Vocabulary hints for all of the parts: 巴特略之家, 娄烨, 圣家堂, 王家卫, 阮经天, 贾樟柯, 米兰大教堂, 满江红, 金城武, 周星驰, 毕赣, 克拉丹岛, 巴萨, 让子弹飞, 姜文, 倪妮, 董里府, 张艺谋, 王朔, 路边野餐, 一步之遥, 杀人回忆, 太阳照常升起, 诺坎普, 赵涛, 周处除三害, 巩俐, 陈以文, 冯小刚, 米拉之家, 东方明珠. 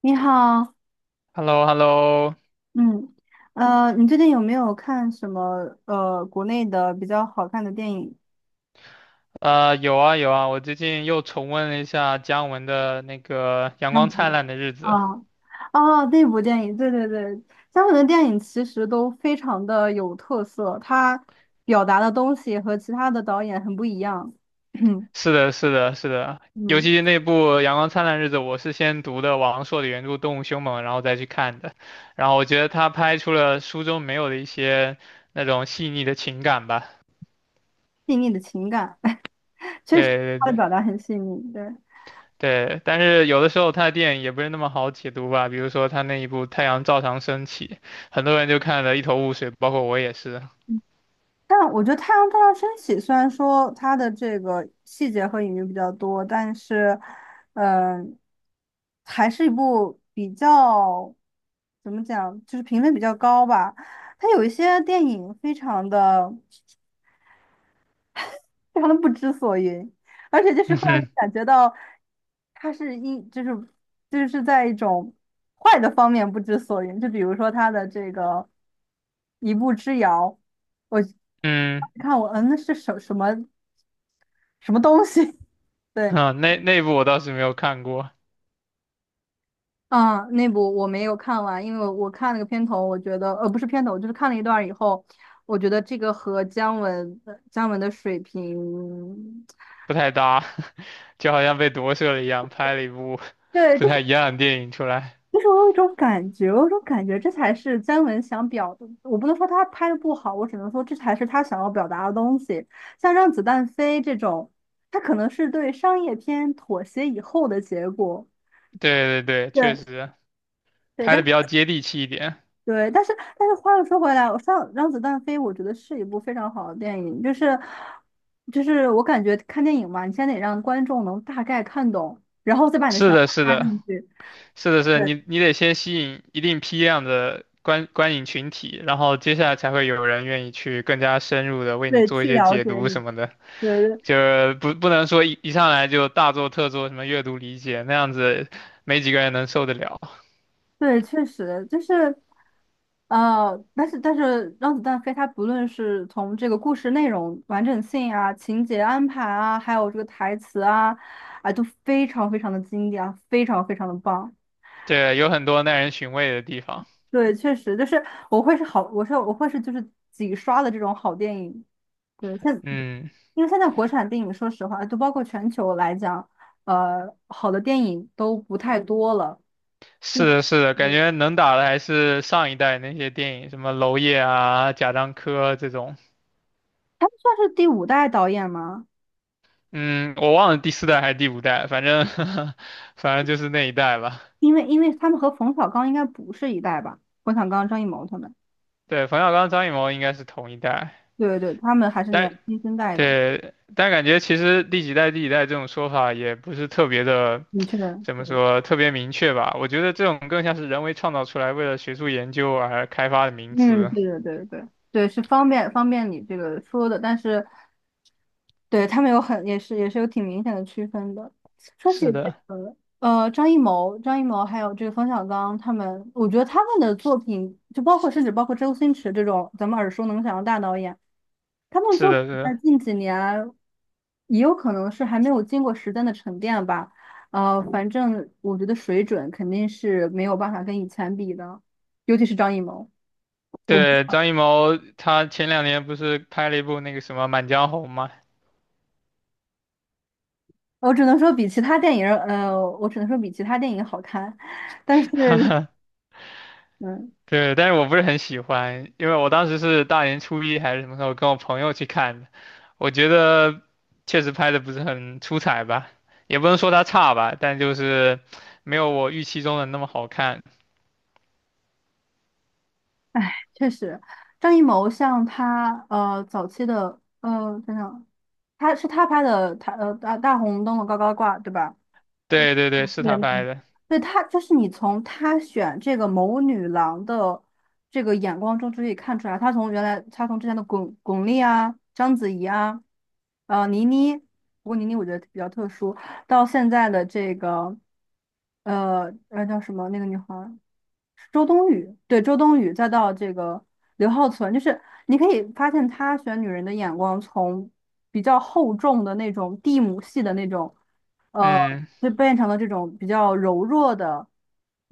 你好。h e l l o h e l l o 嗯。你最近有没有看什么国内的比较好看的电影？有啊有啊，我最近又重温了一下姜文的那个《阳那光灿部烂的日子》。啊，哦，那部电影，对对对。香港的电影其实都非常的有特色，它表达的东西和其他的导演很不一样。是的，是的，是的，尤嗯。其是那部《阳光灿烂的日子》，我是先读的王朔的原著《动物凶猛》，然后再去看的。然后我觉得他拍出了书中没有的一些那种细腻的情感吧。细腻的情感。确实对对他的对表达很细腻，对。对，但是有的时候他的电影也不是那么好解读吧，比如说他那一部《太阳照常升起》，很多人就看得一头雾水，包括我也是。但我觉得《太阳照常升起》虽然说它的这个细节和隐喻比较多，但是嗯、还是一部比较怎么讲，就是评分比较高吧。它有一些电影非常的不知所云，而且就 是嗯会让人哼，感觉到他是一就是就是在一种坏的方面不知所云，就比如说他的这个一步之遥，我嗯。看那是什么东西？对。啊，那部我倒是没有看过，啊，那部我没有看完，因为我看了个片头，我觉得不是片头，就是看了一段儿以后，我觉得这个和姜文的水平。不太搭，就好像被夺舍了一样，拍了一部 对。不这太一样的电影出来。就是我有一种感觉，这才是姜文想表，我不能说他拍的不好，我只能说这才是他想要表达的东西。像《让子弹飞》这种，它可能是对商业片妥协以后的结果。对对对，对确实对。拍但的比较接地气一点。对，但是但是话又说回来，我上《让子弹飞》，我觉得是一部非常好的电影，就是我感觉看电影嘛，你先得让观众能大概看懂，然后再把你的是想的，法是加的，进去。是的，是的对你得先吸引一定批量的观影群体，然后接下来才会有人愿意去更加深入的为你对，做一去些了解解读你。什么的，对，就是不能说一上来就大做特做什么阅读理解，那样子没几个人能受得了。对，确实就是。但是《让子弹飞》它不论是从这个故事内容完整性啊、情节安排啊，还有这个台词啊，啊，都非常非常的经典啊，非常非常的棒。对，有很多耐人寻味的地方。对，确实就是我会是就是几刷的这种好电影。对，嗯，因为现在国产电影，说实话，就包括全球来讲，好的电影都不太多了。对。是的，是的，感对觉能打的还是上一代那些电影，什么娄烨啊、贾樟柯这种。他们算是第五代导演吗？嗯，我忘了第四代还是第五代，反正 反正就是那一代吧。因为他们和冯小刚应该不是一代吧？冯小刚、张艺谋他们，对，冯小刚、张艺谋应该是同一代，对对对，他们还是但新一代的。对，但感觉其实第几代、第几代这种说法也不是特别的，的确。怎么对。说，特别明确吧。我觉得这种更像是人为创造出来，为了学术研究而开发的名嗯，词。对对对对对，是方便方便你这个说的，但是对他们也是有挺明显的区分的。说起是这的，个，张艺谋还有这个冯小刚他们，我觉得他们的作品，就包括甚至包括周星驰这种咱们耳熟能详的大导演，他们是作品的，是在的。近几年也有可能是还没有经过时间的沉淀吧。反正我觉得水准肯定是没有办法跟以前比的，尤其是张艺谋。我。对，张艺谋他前两年不是拍了一部那个什么《满江红》嘛，我只能说比其他电影好看，但是。嗯，对，但是我不是很喜欢，因为我当时是大年初一还是什么时候跟我朋友去看的，我觉得确实拍的不是很出彩吧，也不能说他差吧，但就是没有我预期中的那么好看。哎，确实。张艺谋像他，早期的，等等，他拍的，他大红灯笼高高挂，对吧？对对对，是对他拍的，对就是你从他选这个谋女郎的这个眼光中就可以看出来，他从原来他从之前的巩俐啊、章子怡啊、倪妮，不过倪妮我觉得比较特殊，到现在的这个叫什么那个女孩儿，周冬雨，对，周冬雨，再到这个刘浩存，就是你可以发现他选女人的眼光从比较厚重的那种地母系的那种，呃，嗯。就变成了这种比较柔弱的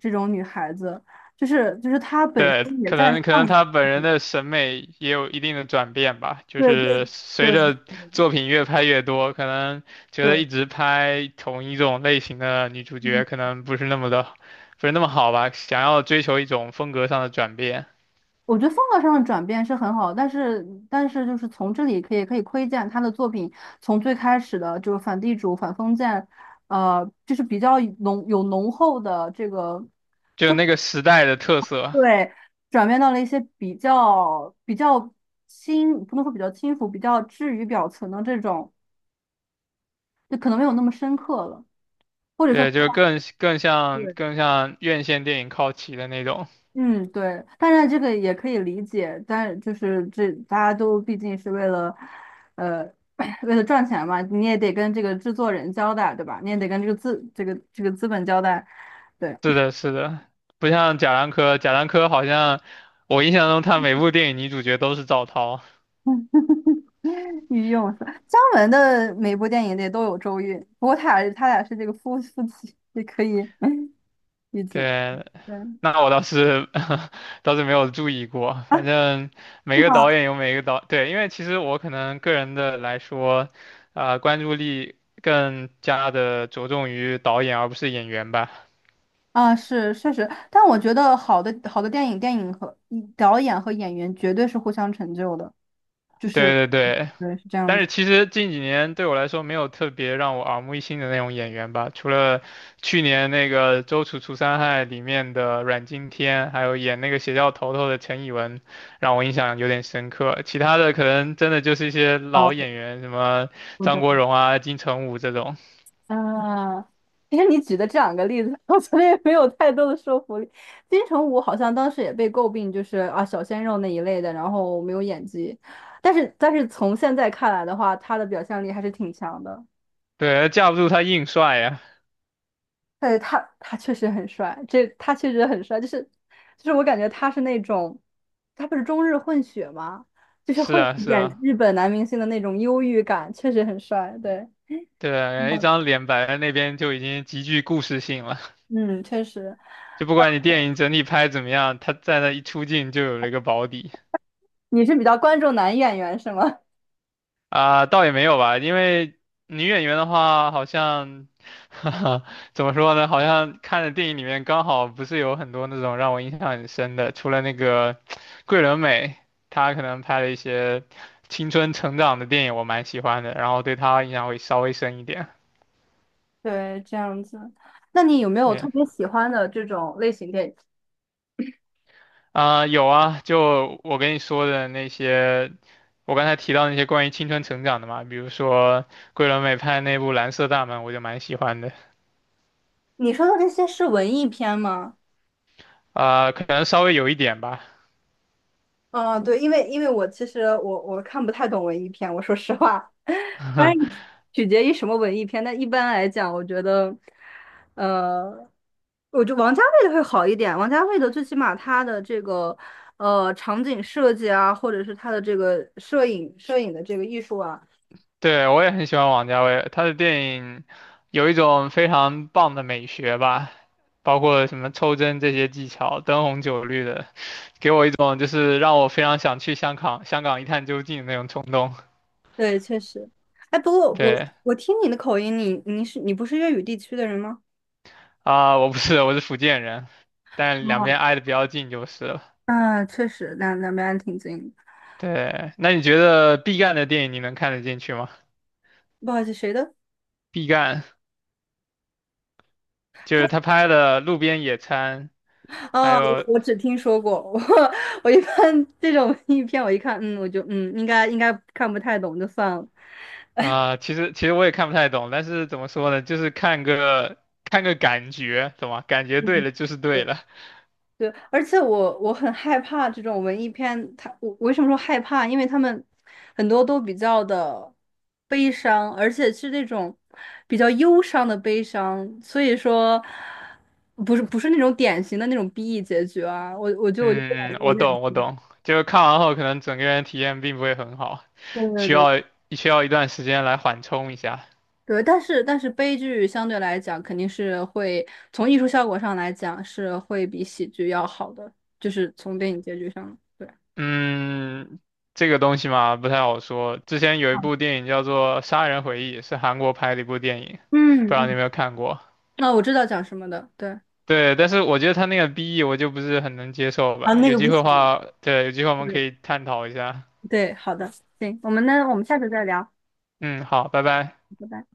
这种女孩子，就是她本对，身也可在能可能放，她本人的审美也有一定的转变吧，就对对是随对着作品越拍越多，可能觉得对，一直拍同一种类型的女主角可能不是那么的，不是那么好吧，想要追求一种风格上的转变，我觉得风格上的转变是很好，但是就是从这里可以窥见他的作品从最开始的就是反地主、反封建，就是比较浓厚的这个就那个时代的特色，对，转变到了一些比较轻，不能说比较轻浮，比较置于表层的这种，就可能没有那么深刻了，或者说。对，就更更像对。更像院线电影靠齐的那种。嗯，对，当然这个也可以理解，但就是这大家都毕竟是为了，呃，为了赚钱嘛，你也得跟这个制作人交代，对吧？你也得跟这个资本交代，对。是的，是的，不像贾樟柯，贾樟柯好像我印象中他每部电影女主角都是赵涛。御用是姜文的每部电影里都有周韵，不过他俩是这个夫妻，也可以 理解。对，对那我倒是 倒是没有注意过，啊，反正是每个吗？导演有每个导，对，因为其实我可能个人的来说，啊、关注力更加的着重于导演而不是演员吧。啊，是确实，但我觉得好的好的电影，电影和导演和演员绝对是互相成就的。就是对对对，对，是这样但子。是其实近几年对我来说没有特别让我耳目一新的那种演员吧，除了去年那个《周处除三害》里面的阮经天，还有演那个邪教头头的陈以文，让我印象有点深刻。其他的可能真的就是一些啊，老演员，什么我张懂。国荣啊、金城武这种，啊，其实你举的这两个例子，我觉得也没有太多的说服力。金城武好像当时也被诟病，就是啊小鲜肉那一类的，然后没有演技。但是从现在看来的话，他的表现力还是挺强的。对，架不住他硬帅呀。对，他确实很帅，这他确实很帅，就是我感觉他是那种，他不是中日混血吗？就是是会啊，是演啊，日本男明星的那种忧郁感，确实很帅。对。对，一嗯，张脸摆在那边就已经极具故事性了，嗯确实。就不管你电影整体拍怎么样，他在那一出镜就有了一个保底。你是比较关注男演员是吗？啊、倒也没有吧，因为女演员的话，好像，哈哈怎么说呢？好像看的电影里面刚好不是有很多那种让我印象很深的，除了那个桂纶镁，她可能拍了一些青春成长的电影，我蛮喜欢的，然后对她印象会稍微深一点。对，这样子。那你有没有特对，别喜欢的这种类型电影？啊、有啊，就我跟你说的那些，我刚才提到那些关于青春成长的嘛，比如说桂纶镁拍的那部《蓝色大门》，我就蛮喜欢的。你说的这些是文艺片吗？啊、可能稍微有一点吧。嗯，对，因为我其实我看不太懂文艺片，我说实话。当然 取决于什么文艺片。但一般来讲，我觉得，呃，我觉得王家卫的会好一点。王家卫的最起码他的这个场景设计啊，或者是他的这个摄影的这个艺术啊。对，我也很喜欢王家卫，他的电影有一种非常棒的美学吧，包括什么抽帧这些技巧，灯红酒绿的，给我一种就是让我非常想去香港，香港一探究竟的那种冲动。对，确实。哎，不过我对我听你的口音，你不是粤语地区的人吗？啊，我不是，我是福建人，但两边哦。挨得比较近就是了。嗯，确实，两边挺近的。对，那你觉得毕赣的电影你能看得进去吗？不好意思，谁的？毕赣就他是他拍的《路边野餐》，还哦，我有我只听说过。我一般这种 影片，我一看，我就应该看不太懂，就算了。啊、其实我也看不太懂，但是怎么说呢，就是看个感觉，懂吗？感觉对嗯，了就是对了。对，而且我很害怕这种文艺片，我为什么说害怕？因为他们很多都比较的悲伤，而且是那种比较忧伤的悲伤，所以说不是那种典型的那种 BE 结局啊，我就不嗯，敢嗯有我点懂我懂，就是看完后可能整个人体验并不会很好，对对需对。要需要一段时间来缓冲一下。对，但是悲剧相对来讲肯定是会从艺术效果上来讲是会比喜剧要好的，就是从电影结局上，对，嗯，这个东西嘛不太好说。之前有一部电影叫做《杀人回忆》，是韩国拍的一部电影，不知嗯道你有嗯，没有看过？那我知道讲什么的，对。对，但是我觉得他那个 BE 我就不是很能接受啊，吧。那有个不机会行，的话，对，有机会我们可对以探讨一下。对，好的，行，我们下次再聊，嗯，好，拜拜。拜拜。